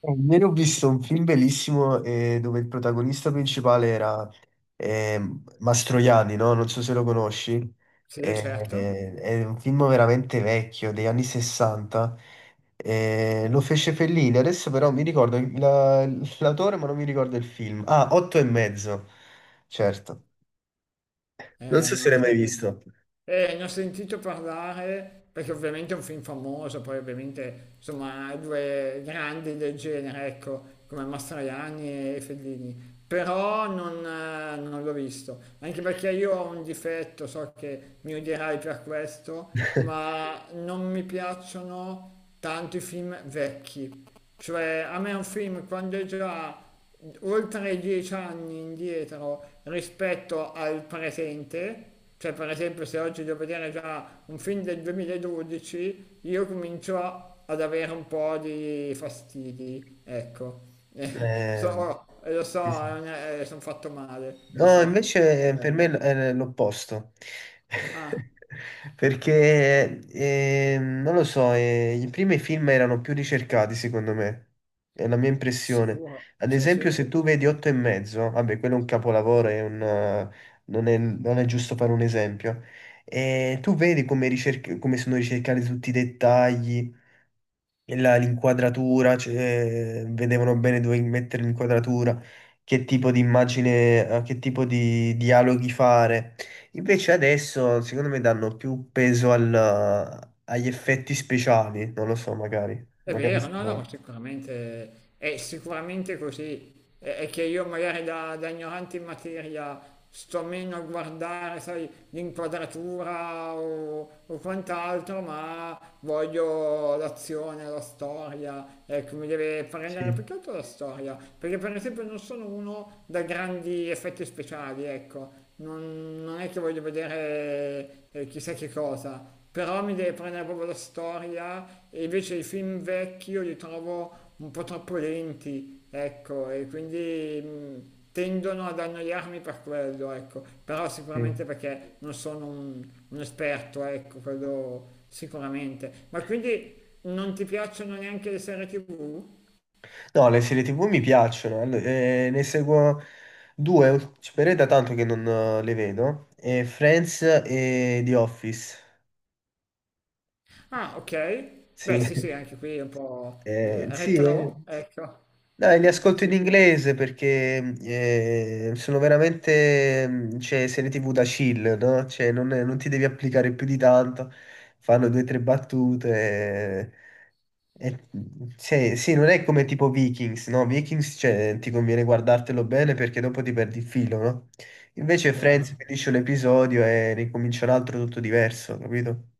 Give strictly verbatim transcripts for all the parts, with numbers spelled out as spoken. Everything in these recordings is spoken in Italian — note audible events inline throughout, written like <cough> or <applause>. Eh, Ieri ho visto un film bellissimo eh, dove il protagonista principale era ehm, Mastroianni, no? Non so se lo conosci. Sì, Eh, certo. eh, è un film veramente vecchio, degli anni sessanta. Eh, lo fece Fellini, adesso però mi ricordo la- l'autore, ma non mi ricordo il film. Ah, Otto e mezzo, certo. Non Eh, so se Non l'hai mai so che- visto. eh, ne ho sentito parlare perché ovviamente è un film famoso, poi ovviamente insomma due grandi del genere, ecco, come Mastroianni e Fellini. Però non, eh, non l'ho visto, anche perché io ho un difetto, so che mi odierai per questo, ma non mi piacciono tanto i film vecchi. Cioè, a me un film quando è già oltre dieci anni indietro rispetto al presente, cioè per esempio se oggi devo vedere già un film del duemiladodici, io comincio a- ad avere un po' di fastidi, ecco. <laughs> Eh, So, lo so, sì, sì. sono fatto male, lo No, so. invece eh, Eh. per me l- è l'opposto. Ah, <laughs> Perché, eh, non lo so, eh, i primi film erano più ricercati, secondo me. È la mia impressione. sicuro? Ad Sì, esempio, sì. se tu vedi Otto e mezzo, vabbè, quello è un capolavoro, è un, eh, non è, non è giusto fare un esempio. E tu vedi come, ricerc- come sono ricercati tutti i dettagli, la- l'inquadratura, cioè, vedevano bene dove mettere l'inquadratura, che tipo di immagine, eh, che tipo di dialoghi fare. Invece adesso, secondo me, danno più peso al- agli effetti speciali, non lo so, magari. È Magari vero, no, no, sto- ma sicuramente è sicuramente così. È, è che io magari da, da ignorante in materia sto meno a guardare, sai, l'inquadratura o, o quant'altro, ma voglio l'azione, la storia, ecco, mi deve prendere più Sì, che altro la storia, perché per esempio non sono uno da grandi effetti speciali, ecco. Non, non è che voglio vedere eh, chissà che cosa, però mi deve prendere proprio la storia e invece i film vecchi io li trovo un po' troppo lenti, ecco, e quindi mh, tendono ad annoiarmi per quello, ecco. Però sì. sicuramente perché non sono un, un esperto, ecco, quello sicuramente. Ma quindi non ti piacciono neanche le serie T V? No, le serie T V mi piacciono, allo- eh, ne seguo due, ult- però è da tanto che non eh, le vedo, eh, Friends e The Office. Ah, ok. Sì, Beh, sì, sì, <laughs> anche qui è un po' eh, eh, sì, eh. retro, ecco. Dai, li ascolto Sì, in sì, sì, inglese perché eh, sono veramente, mm, cioè, serie T V da chill, no? Cioè, non, è- non ti devi applicare più di tanto, fanno due o tre battute. e- e- sì, sì, non è come tipo Vikings, no? Vikings, cioè, ti conviene guardartelo bene perché dopo ti perdi il filo, no? Invece chiaro. Friends finisce un episodio e ricomincia un altro tutto diverso, capito?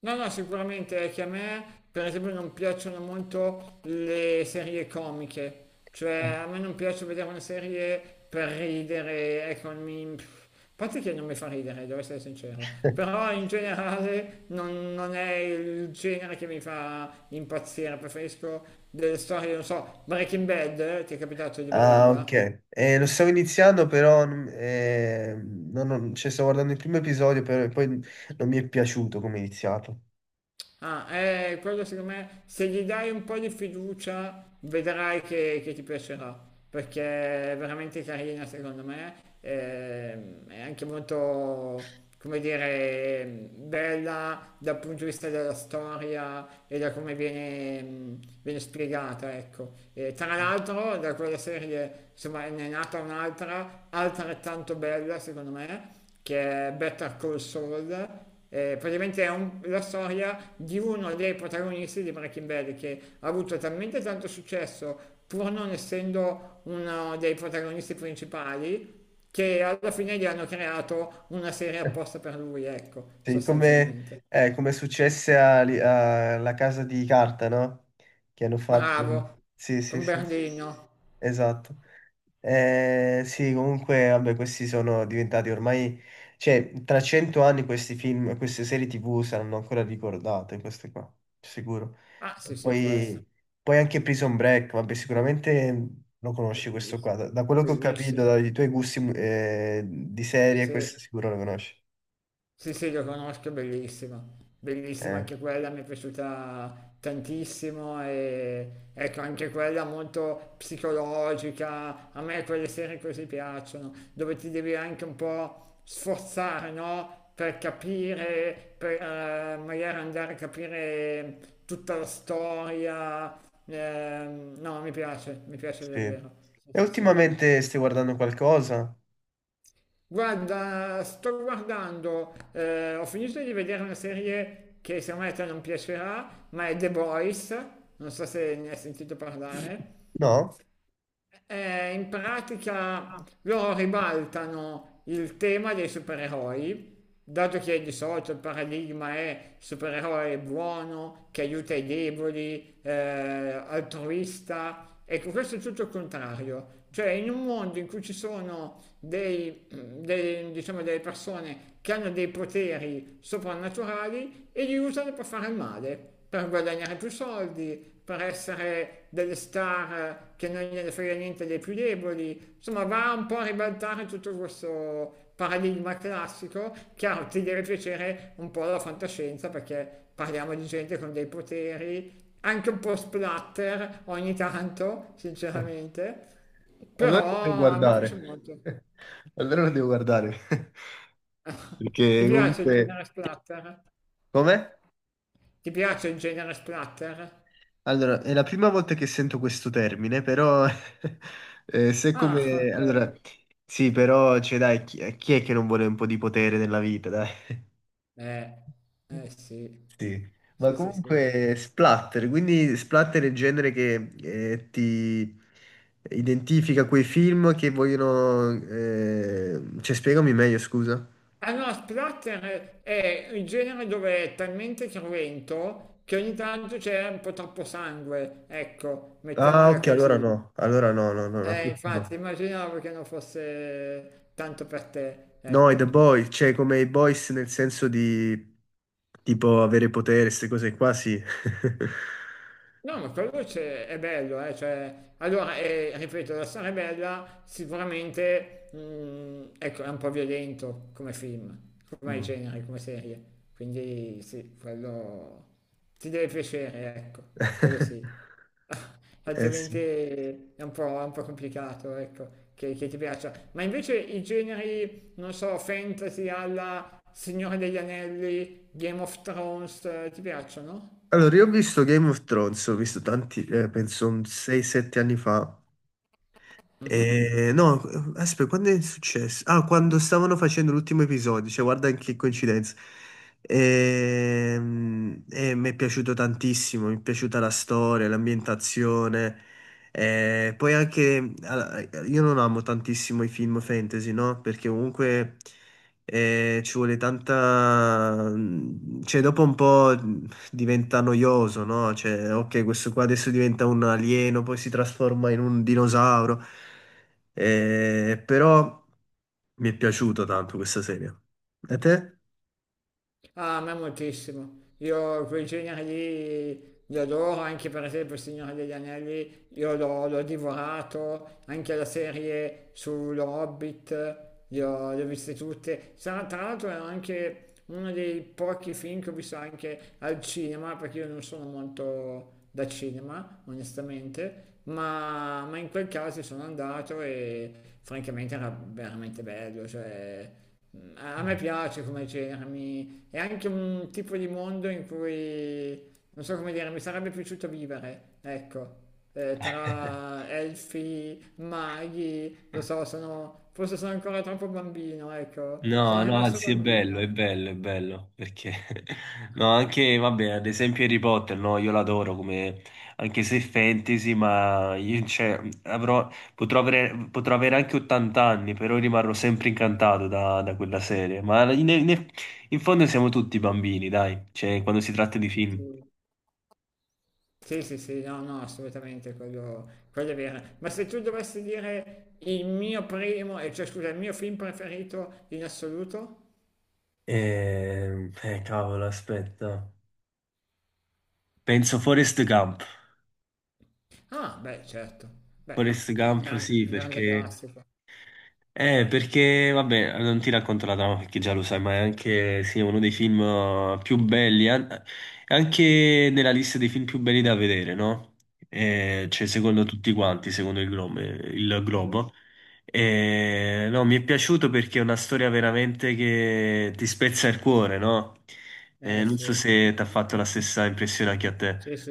No, no, sicuramente è che a me, per esempio, non piacciono molto le serie comiche, cioè a me non piace vedere una serie per ridere, ecco, mi... pff, a parte che non mi fa ridere, devo essere sincero, <laughs> però in generale non, non è il genere che mi fa impazzire, preferisco delle storie, non so, Breaking Bad, eh, ti è capitato di Ah, ok. vederla? Eh, lo stavo iniziando, però, non- eh, non- non- cioè, stavo guardando il primo episodio, però poi non mi è piaciuto come è iniziato. Ah, eh, quello secondo me, se gli dai un po' di fiducia, vedrai che, che ti piacerà, perché è veramente carina secondo me, ehm, è anche molto, come dire, bella dal punto di vista della storia e da come viene, mh, viene spiegata, ecco. E tra l'altro, da quella serie, insomma, ne è nata un'altra, altrettanto bella secondo me, che è Better Call Saul, eh, praticamente è un- la storia di uno dei protagonisti di Breaking Bad che ha avuto talmente tanto successo pur non essendo uno dei protagonisti principali che alla fine gli hanno creato una serie apposta <laughs> per lui, ecco, Sì, come, sostanzialmente. eh, come è successe a- alla Casa di Carta, no? Che hanno fatto... Bravo, Sì, sì, con sì. Berlino. Esatto. Eh, sì, comunque, vabbè, questi sono diventati ormai, cioè, tra cento anni questi film, queste serie T V saranno ancora ricordate, queste qua, sicuro. Ah, E sì, sì, può essere. Poi, poi anche Prison Break, vabbè, sicuramente lo conosci questo qua. Bellissima. Da, da quello che ho capito, Bellissima. dai tuoi gusti, mm, eh, di serie, questo Sì. sicuro lo conosci. Sì, sì, lo conosco, è bellissima. Bellissima Eh, anche quella, mi è piaciuta tantissimo e ecco, anche quella molto psicologica. A me quelle serie così piacciono, dove ti devi anche un po' sforzare, no? Per capire, per eh, magari andare a capire tutta la storia. Ehm, no, mi piace, mi piace sì. davvero. Sì, E sì, sì. ultimamente stai guardando qualcosa? Guarda, sto guardando, eh, ho finito di vedere una serie che secondo me a te non piacerà, ma è The Boys, non so se ne hai sentito parlare. No? Eh, in pratica loro ribaltano il tema dei supereroi, dato che di solito il paradigma è supereroe buono, che aiuta i deboli, eh, altruista. Ecco, questo è tutto il contrario. Cioè, in un mondo in cui ci sono dei, dei- diciamo, delle persone che hanno dei poteri soprannaturali e li usano per fare il male per guadagnare più soldi, per essere delle star che non gliene frega niente dei più deboli, insomma va un po' a ribaltare tutto questo paradigma classico, chiaro ti deve piacere un po' la fantascienza perché parliamo di gente con dei poteri, anche un po' splatter ogni tanto, <laughs> sinceramente, Allora lo devo però a me piace guardare. molto. <laughs> Allora lo devo guardare. <laughs> Ti Perché piace il comunque... genere splatter? Come? Ti piace il genere splatter? Allora, è la prima volta che sento questo termine, però... <laughs> eh, se Ah, come... ok. Allora, sì, però, cioè, dai, chi, chi è che non vuole un po' di potere nella vita, dai? Eh, eh sì. Sì, ma Sì, sì, sì. comunque splatter, quindi splatter è il genere che eh, ti identifica quei film che vogliono... eh, Cioè, spiegami meglio, scusa. Ah no, Splatter è il genere dove è talmente cruento che ogni tanto c'è un po' troppo sangue, ecco, Ah, mettiamola ok, allora così. no, allora no, no, no, no, Eh, questo infatti, no. immaginavo che non fosse tanto per te, No, i The ecco. Boys, cioè come i Boys nel senso di tipo avere potere, queste cose qua, sì. <laughs> No, ma quello c'è- è bello, eh, cioè, allora, eh, ripeto, la storia è bella, sicuramente, mh, ecco, è un po' violento come film, come Mm. genere, come serie, quindi sì, quello ti deve piacere, ecco, quello sì. <laughs> <laughs> Eh Altrimenti sì. è un po', è un po' complicato, ecco, che, che ti piaccia. Ma invece i generi, non so, fantasy alla Signore degli Anelli, Game of Thrones, eh, ti piacciono? Allora, io ho visto Game of Thrones, ho visto tanti, eh, penso un sei sette anni fa. Eh, no, aspetta, quando è successo? Ah, quando stavano facendo l'ultimo episodio, cioè guarda che coincidenza. Ehm, eh, mi è piaciuto tantissimo, mi è piaciuta la storia, l'ambientazione. Eh, poi anche, allora, io non amo tantissimo i film fantasy, no? Perché comunque eh, ci vuole tanta... mm, Cioè, dopo un po' diventa noioso, no? Cioè, ok, questo qua adesso diventa un alieno, poi si trasforma in un dinosauro. Eh, però mi è piaciuto tanto questa serie. E te? Ah, a me moltissimo. Io quei generi lì li adoro, anche per esempio Il Signore degli Anelli, io l'ho l'ho divorato, anche la serie sullo Hobbit, li ho, le ho viste tutte. Sa- Tra l'altro è anche uno dei pochi film che ho visto anche al cinema, perché io non sono molto da cinema, onestamente, ma, ma in quel caso sono andato e francamente era veramente bello, cioè... A a me piace come genere, mi, è anche un tipo di mondo in cui, non so come dire, mi sarebbe piaciuto vivere, ecco, Eh, tra elfi, maghi, lo so, sono, forse sono ancora troppo bambino, ecco, No, sono no, rimasto anzi è bello, è bambino. bello, è bello, perché <laughs> no, anche, vabbè, ad esempio Harry Potter, no, io l'adoro come, anche se è fantasy, ma io, cioè, avrò, potrò avere, potrò avere anche ottanta anni, però rimarrò sempre incantato da, da quella serie, ma in, in- in fondo siamo tutti bambini, dai, cioè, quando si tratta di Sì, film. sì, sì, sì, no, no, assolutamente, quello, quello è vero. Ma se tu dovessi dire il mio primo, eh, cioè scusa, il mio film preferito in assoluto? Eh, eh, cavolo, aspetta. Penso Forrest Gump. Ah, beh, certo, beh, Forrest un Gump, gran- sì, un grande perché classico. Eh, perché, vabbè, non ti racconto la trama perché già lo sai, ma è anche, sì, uno dei film eh, più belli, an- è anche nella lista dei film più belli da vedere, no? Eh, cioè, Sì. secondo tutti quanti, secondo il Globo. Il Mhm. Globo. Eh, no, mi è piaciuto perché è una storia veramente che ti spezza il cuore, no? Eh, Eh non so sì, se ti ha fatto la stessa impressione anche a Sì, te. sì.